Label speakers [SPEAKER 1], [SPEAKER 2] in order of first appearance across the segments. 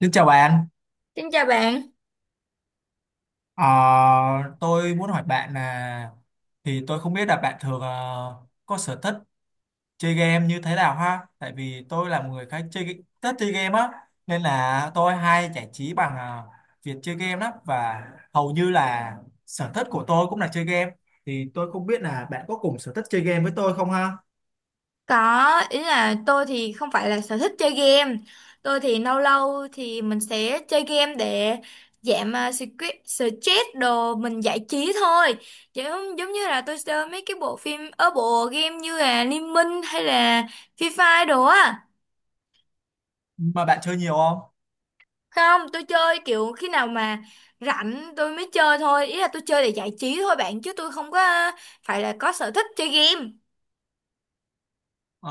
[SPEAKER 1] Xin chào bạn.
[SPEAKER 2] Xin chào bạn,
[SPEAKER 1] Ờ, tôi muốn hỏi bạn là tôi không biết là bạn thường có sở thích chơi game như thế nào ha? Tại vì tôi là một người khá chơi thích chơi game á, nên là tôi hay giải trí bằng việc chơi game lắm và hầu như là sở thích của tôi cũng là chơi game. Thì tôi không biết là bạn có cùng sở thích chơi game với tôi không ha?
[SPEAKER 2] có ý là tôi thì không phải là sở thích chơi game, tôi thì lâu lâu thì mình sẽ chơi game để giảm stress stress đồ mình giải trí thôi, giống giống như là tôi chơi mấy cái bộ phim ở bộ game như là Liên Minh hay là Free Fire đồ á.
[SPEAKER 1] Mà bạn chơi nhiều không?
[SPEAKER 2] Không, tôi chơi kiểu khi nào mà rảnh tôi mới chơi thôi, ý là tôi chơi để giải trí thôi bạn chứ tôi không có phải là có sở thích chơi game.
[SPEAKER 1] Ờ,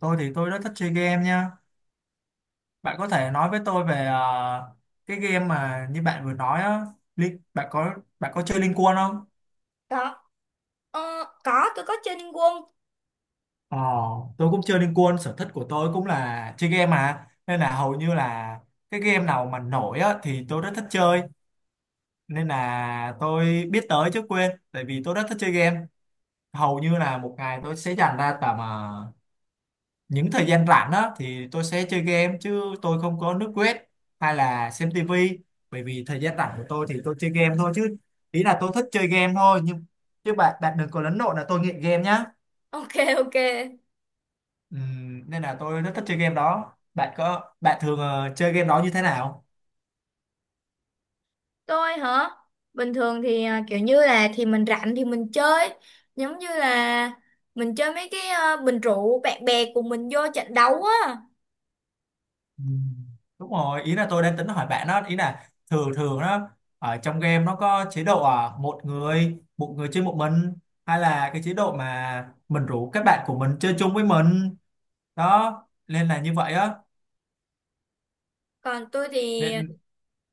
[SPEAKER 1] tôi thì tôi rất thích chơi game nha. Bạn có thể nói với tôi về cái game mà như bạn vừa nói á, Lin- bạn có bạn có chơi Liên Quân không?
[SPEAKER 2] Có, ờ, có tôi có chơi Liên Quân.
[SPEAKER 1] Ờ, tôi cũng chơi Liên Quân, sở thích của tôi cũng là chơi game mà. Nên là hầu như là cái game nào mà nổi á thì tôi rất thích chơi. Nên là tôi biết tới chứ quên, tại vì tôi rất thích chơi game. Hầu như là một ngày tôi sẽ dành ra tầm những thời gian rảnh á thì tôi sẽ chơi game chứ tôi không có nước web hay là xem tivi, bởi vì thời gian rảnh của tôi thì tôi chơi game thôi chứ ý là tôi thích chơi game thôi nhưng chứ bạn bạn đừng có lẫn lộn là tôi nghiện game nhá.
[SPEAKER 2] Ok, ok.
[SPEAKER 1] Nên là tôi rất thích chơi game đó, bạn có bạn thường chơi game đó như thế nào?
[SPEAKER 2] Tôi hả? Bình thường thì kiểu như là thì mình rảnh thì mình chơi giống như là mình chơi mấy cái bình rượu bạn bè của mình vô trận đấu á.
[SPEAKER 1] Ừm, đúng rồi, ý là tôi đang tính hỏi bạn đó, ý là thường thường đó ở trong game nó có chế độ à, một người chơi một mình hay là cái chế độ mà mình rủ các bạn của mình chơi chung với mình đó, nên là như vậy á
[SPEAKER 2] Còn tôi thì
[SPEAKER 1] nên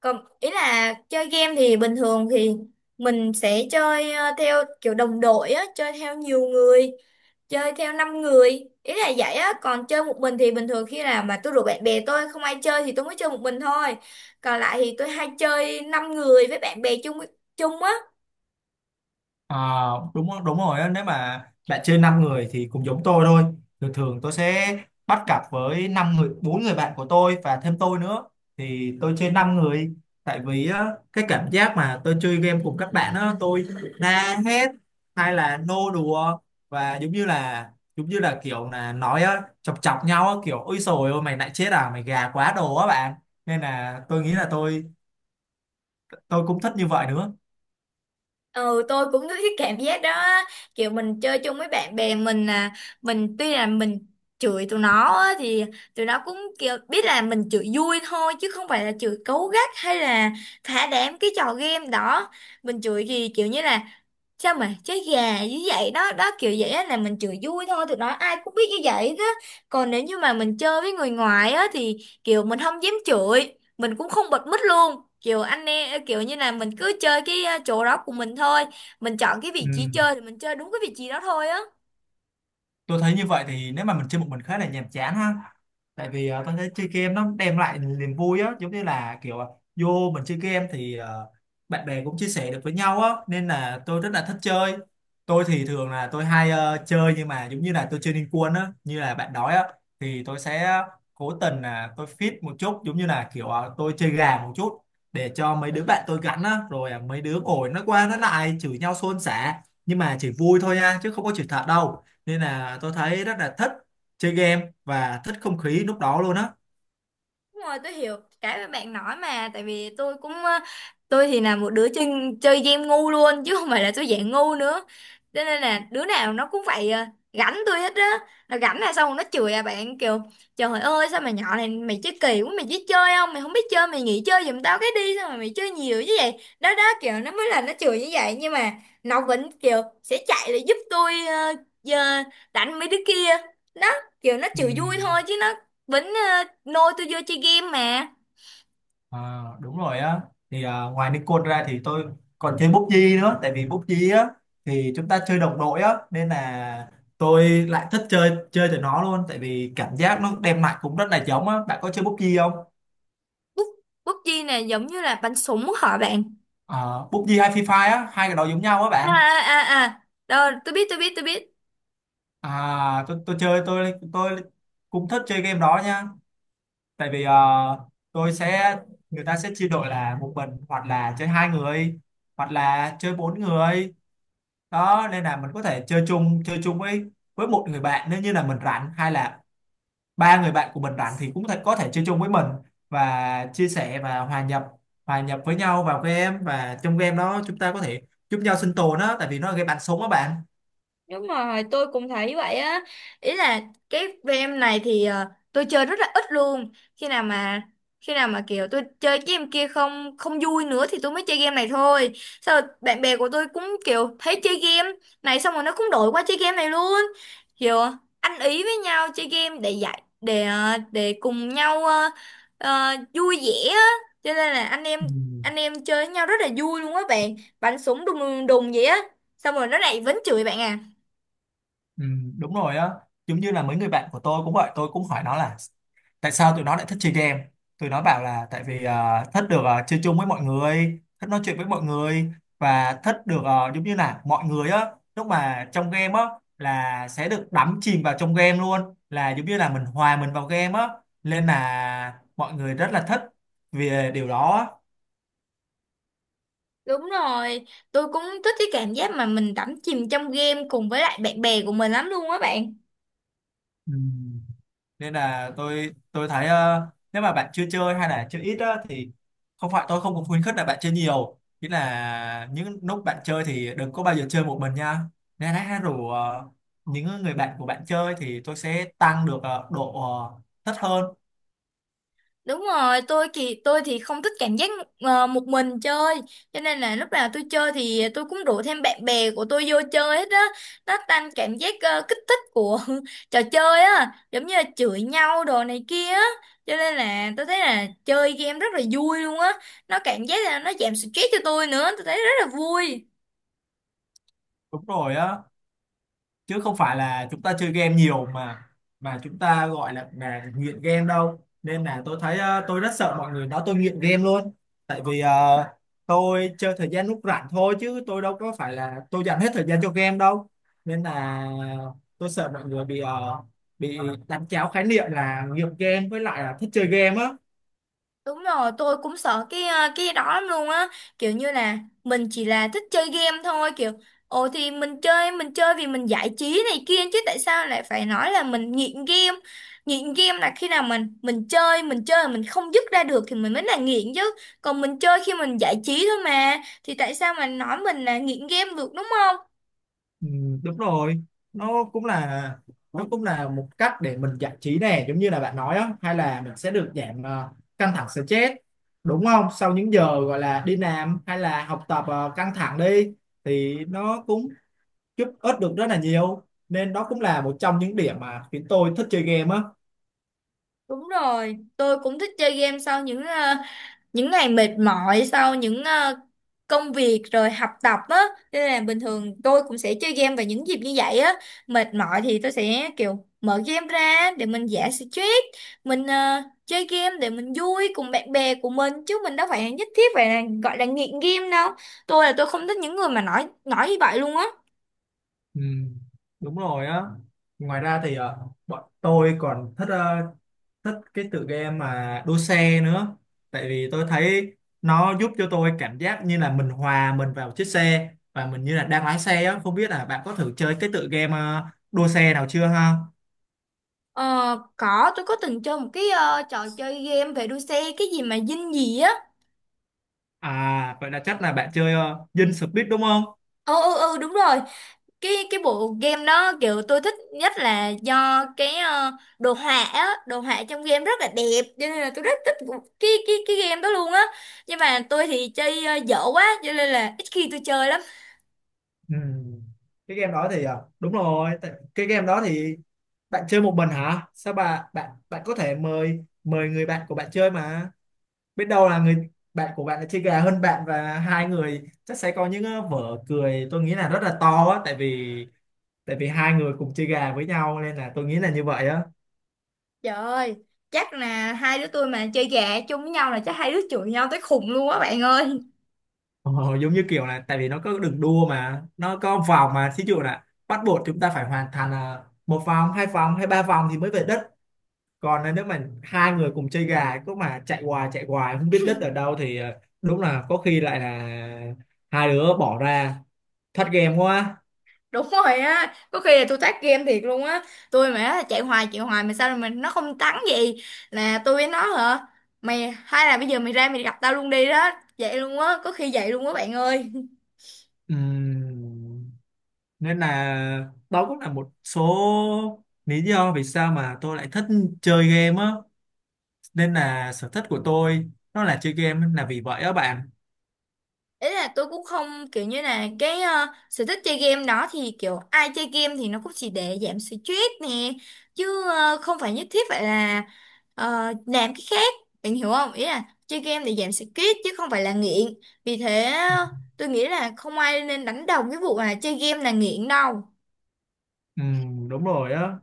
[SPEAKER 2] Còn ý là chơi game thì bình thường thì mình sẽ chơi theo kiểu đồng đội á, chơi theo nhiều người, chơi theo 5 người. Ý là vậy á, còn chơi một mình thì bình thường khi nào mà tôi rủ bạn bè tôi không ai chơi thì tôi mới chơi một mình thôi. Còn lại thì tôi hay chơi 5 người với bạn bè chung chung á.
[SPEAKER 1] à, đúng đúng rồi á, nếu mà bạn chơi 5 người thì cũng giống tôi thôi. Thường thường tôi sẽ bắt cặp với năm người bốn người bạn của tôi và thêm tôi nữa thì tôi chơi 5 người. Tại vì á, cái cảm giác mà tôi chơi game cùng các bạn á tôi la hét hay là nô đùa và giống như là kiểu là nói á, chọc chọc nhau á, kiểu ôi sồi ôi mày lại chết à mày gà quá đồ á bạn, nên là tôi nghĩ là tôi cũng thích như vậy nữa.
[SPEAKER 2] Ừ, tôi cũng có cái cảm giác đó á. Kiểu mình chơi chung với bạn bè mình mình tuy là mình chửi tụi nó á, thì tụi nó cũng kiểu biết là mình chửi vui thôi chứ không phải là chửi cấu gắt hay là thả đám cái trò game đó, mình chửi thì kiểu như là sao mà chơi gà như vậy đó đó kiểu vậy á, là mình chửi vui thôi tụi nó ai cũng biết như vậy đó. Còn nếu như mà mình chơi với người ngoài á thì kiểu mình không dám chửi, mình cũng không bật mít luôn kiểu anh em, kiểu như là mình cứ chơi cái chỗ đó của mình thôi, mình chọn cái
[SPEAKER 1] Ừ.
[SPEAKER 2] vị trí chơi thì mình chơi đúng cái vị trí đó thôi á.
[SPEAKER 1] Tôi thấy như vậy thì nếu mà mình chơi một mình khá là nhàm chán ha, tại vì tôi thấy chơi game nó đem lại niềm vui á, giống như là kiểu vô mình chơi game thì bạn bè cũng chia sẻ được với nhau á, nên là tôi rất là thích chơi. Tôi thì thường là tôi hay chơi nhưng mà giống như là tôi chơi Liên Quân á như là bạn nói á, thì tôi sẽ cố tình là tôi fit một chút giống như là kiểu tôi chơi gà một chút để cho mấy đứa bạn tôi gắn á, rồi mấy đứa ngồi nó qua nó lại chửi nhau xôn xả, nhưng mà chỉ vui thôi nha chứ không có chửi thật đâu, nên là tôi thấy rất là thích chơi game và thích không khí lúc đó luôn á.
[SPEAKER 2] Đúng rồi, tôi hiểu cái mà bạn nói mà tại vì tôi thì là một đứa chơi chơi game ngu luôn chứ không phải là tôi dạng ngu nữa, cho nên là đứa nào nó cũng phải gánh tôi hết á. Nó gánh là xong rồi nó chửi à bạn, kiểu trời ơi sao mày nhỏ này mày chơi kỳ quá, mày biết chơi không, mày không biết chơi mày nghỉ chơi giùm tao cái đi, sao mà mày chơi nhiều như vậy, đó đó kiểu nó mới là nó chửi như vậy nhưng mà nó vẫn kiểu sẽ chạy lại giúp tôi, giờ đánh mấy đứa kia đó, kiểu nó
[SPEAKER 1] Ừ,
[SPEAKER 2] chửi vui thôi chứ nó Bính nôi tôi vô chơi game mà.
[SPEAKER 1] à, đúng rồi á, thì à, ngoài Nikon ra thì tôi còn chơi PUBG nữa, tại vì PUBG á thì chúng ta chơi đồng đội á, nên là tôi lại thích chơi chơi từ nó luôn, tại vì cảm giác nó đem lại cũng rất là giống á, bạn có chơi PUBG không?
[SPEAKER 2] Bút bút PUBG này giống như là bắn súng hả bạn?
[SPEAKER 1] À, PUBG hay Free Fire á, hai cái đó giống nhau á
[SPEAKER 2] À
[SPEAKER 1] bạn.
[SPEAKER 2] à à à, rồi tôi biết tôi biết tôi biết.
[SPEAKER 1] À tôi chơi tôi cũng thích chơi game đó nha, tại vì tôi sẽ người ta sẽ chia đội là một mình hoặc là chơi hai người hoặc là chơi bốn người đó, nên là mình có thể chơi chung với một người bạn nếu như là mình rảnh, hay là ba người bạn của mình rảnh thì có thể chơi chung với mình và chia sẻ và hòa nhập với nhau vào game, và trong game đó chúng ta có thể giúp nhau sinh tồn á, tại vì nó là game bắn súng á bạn.
[SPEAKER 2] Đúng rồi, tôi cũng thấy vậy á. Ý là cái game này thì tôi chơi rất là ít luôn. Khi nào mà kiểu tôi chơi cái game kia không không vui nữa thì tôi mới chơi game này thôi. Sao bạn bè của tôi cũng kiểu thấy chơi game này xong rồi nó cũng đổi qua chơi game này luôn. Kiểu ăn ý với nhau chơi game để cùng nhau vui vẻ á. Cho nên là anh em
[SPEAKER 1] Ừ,
[SPEAKER 2] anh em chơi với nhau rất là vui luôn á bạn. Bắn súng đùng đùng đùng vậy á. Xong rồi nó lại vẫn chửi bạn à.
[SPEAKER 1] ừ, đúng rồi á, giống như là mấy người bạn của tôi cũng vậy, tôi cũng hỏi nó là tại sao tụi nó lại thích chơi game, tụi nó bảo là tại vì thích được chơi chung với mọi người, thích nói chuyện với mọi người và thích được giống như là mọi người á lúc mà trong game á là sẽ được đắm chìm vào trong game luôn, là giống như là mình hòa mình vào game á, nên là mọi người rất là thích vì điều đó á.
[SPEAKER 2] Đúng rồi, tôi cũng thích cái cảm giác mà mình đắm chìm trong game cùng với lại bạn bè của mình lắm luôn á bạn.
[SPEAKER 1] Ừ. Nên là tôi thấy nếu mà bạn chưa chơi hay là chơi ít á, thì không phải tôi không có khuyến khích là bạn chơi nhiều, chỉ là những lúc bạn chơi thì đừng có bao giờ chơi một mình nha, nên hãy rủ những người bạn của bạn chơi thì tôi sẽ tăng được độ thích hơn.
[SPEAKER 2] Đúng rồi, tôi thì không thích cảm giác một mình chơi, cho nên là lúc nào tôi chơi thì tôi cũng rủ thêm bạn bè của tôi vô chơi hết á. Nó tăng cảm giác kích thích của trò chơi á, giống như là chửi nhau đồ này kia á. Cho nên là tôi thấy là chơi game rất là vui luôn á. Nó cảm giác là nó giảm stress cho tôi nữa, tôi thấy rất là vui.
[SPEAKER 1] Đúng rồi á, chứ không phải là chúng ta chơi game nhiều mà chúng ta gọi là nghiện game đâu, nên là tôi thấy tôi rất sợ mọi người nói tôi nghiện game luôn, tại vì tôi chơi thời gian lúc rảnh thôi chứ tôi đâu có phải là tôi dành hết thời gian cho game đâu, nên là tôi sợ mọi người bị bị đánh tráo khái niệm là nghiện game với lại là thích chơi game á.
[SPEAKER 2] Đúng rồi, tôi cũng sợ cái đó lắm luôn á, kiểu như là mình chỉ là thích chơi game thôi, kiểu ồ thì mình chơi, mình chơi vì mình giải trí này kia chứ tại sao lại phải nói là mình nghiện game. Nghiện game là khi nào mình chơi mà mình không dứt ra được thì mình mới là nghiện chứ. Còn mình chơi khi mình giải trí thôi mà thì tại sao mà nói mình là nghiện game được đúng không?
[SPEAKER 1] Ừ, đúng rồi, nó cũng là nó cũng là một cách để mình giải trí nè, giống như là bạn nói á, hay là mình sẽ được giảm căng thẳng stress, đúng không, sau những giờ gọi là đi làm hay là học tập căng thẳng đi thì nó cũng giúp ích được rất là nhiều, nên đó cũng là một trong những điểm mà khiến tôi thích chơi game á.
[SPEAKER 2] Đúng rồi, tôi cũng thích chơi game sau những những ngày mệt mỏi, sau những công việc rồi học tập á, nên là bình thường tôi cũng sẽ chơi game vào những dịp như vậy á. Mệt mỏi thì tôi sẽ kiểu mở game ra để mình giải stress, mình chơi game để mình vui cùng bạn bè của mình chứ mình đâu phải nhất thiết phải là gọi là nghiện game đâu. Tôi là tôi không thích những người mà nói như vậy luôn á.
[SPEAKER 1] Ừ, đúng rồi á. Ngoài ra thì bọn tôi còn thích thích cái tựa game mà đua xe nữa. Tại vì tôi thấy nó giúp cho tôi cảm giác như là mình hòa mình vào chiếc xe và mình như là đang lái xe á. Không biết là bạn có thử chơi cái tựa game đua xe nào chưa ha?
[SPEAKER 2] Ờ, có tôi có từng chơi một cái trò chơi game về đua xe cái gì mà dinh gì á.
[SPEAKER 1] À, vậy là chắc là bạn chơi Dinh Speed đúng không?
[SPEAKER 2] Ừ ừ ừ đúng rồi, cái bộ game đó kiểu tôi thích nhất là do đồ họa trong game rất là đẹp, cho nên là tôi rất thích cái game đó luôn á, nhưng mà tôi thì chơi dở quá cho nên là ít khi tôi chơi lắm.
[SPEAKER 1] Ừ. Cái game đó thì đúng rồi. Cái game đó thì bạn chơi một mình hả? Sao bạn bạn bạn có thể mời mời người bạn của bạn chơi mà. Biết đâu là người bạn của bạn lại chơi gà hơn bạn và hai người chắc sẽ có những vở cười tôi nghĩ là rất là to á, tại vì hai người cùng chơi gà với nhau nên là tôi nghĩ là như vậy á.
[SPEAKER 2] Trời ơi, chắc là hai đứa tôi mà chơi gà chung với nhau là chắc hai đứa chửi nhau tới khùng luôn á bạn ơi.
[SPEAKER 1] Ờ, giống như kiểu là tại vì nó có đường đua mà nó có vòng mà, thí dụ là bắt buộc chúng ta phải hoàn thành một vòng hai vòng hay ba vòng thì mới về đất, còn là nếu mà hai người cùng chơi gà cứ mà chạy hoài không biết đất ở đâu thì đúng là có khi lại là hai đứa bỏ ra thất game quá.
[SPEAKER 2] Đúng rồi á, có khi là tôi tát game thiệt luôn á, tôi mà chạy hoài mà sao mà nó không thắng gì là tôi với nó hả, mày hay là bây giờ mày ra mày gặp tao luôn đi đó, vậy luôn á, có khi vậy luôn á bạn ơi.
[SPEAKER 1] Ừm. Nên là đó cũng là một số lý do vì sao mà tôi lại thích chơi game á, nên là sở thích của tôi nó là chơi game là vì vậy á bạn.
[SPEAKER 2] Ý là tôi cũng không kiểu như là sở thích chơi game đó thì kiểu ai chơi game thì nó cũng chỉ để giảm stress nè, chứ không phải nhất thiết phải là ờ, làm cái khác, bạn hiểu không, ý là chơi game để giảm stress chứ không phải là nghiện, vì thế tôi nghĩ là không ai nên đánh đồng cái vụ là chơi game là nghiện đâu.
[SPEAKER 1] Ừ, đúng rồi á,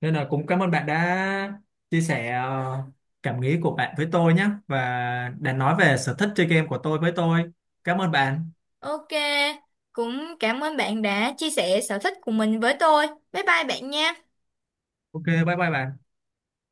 [SPEAKER 1] nên là cũng cảm ơn bạn đã chia sẻ cảm nghĩ của bạn với tôi nhé, và đã nói về sở thích chơi game của tôi với tôi. Cảm ơn bạn.
[SPEAKER 2] Ok, cũng cảm ơn bạn đã chia sẻ sở thích của mình với tôi, bye bye bạn nha.
[SPEAKER 1] Ok, bye bye bạn.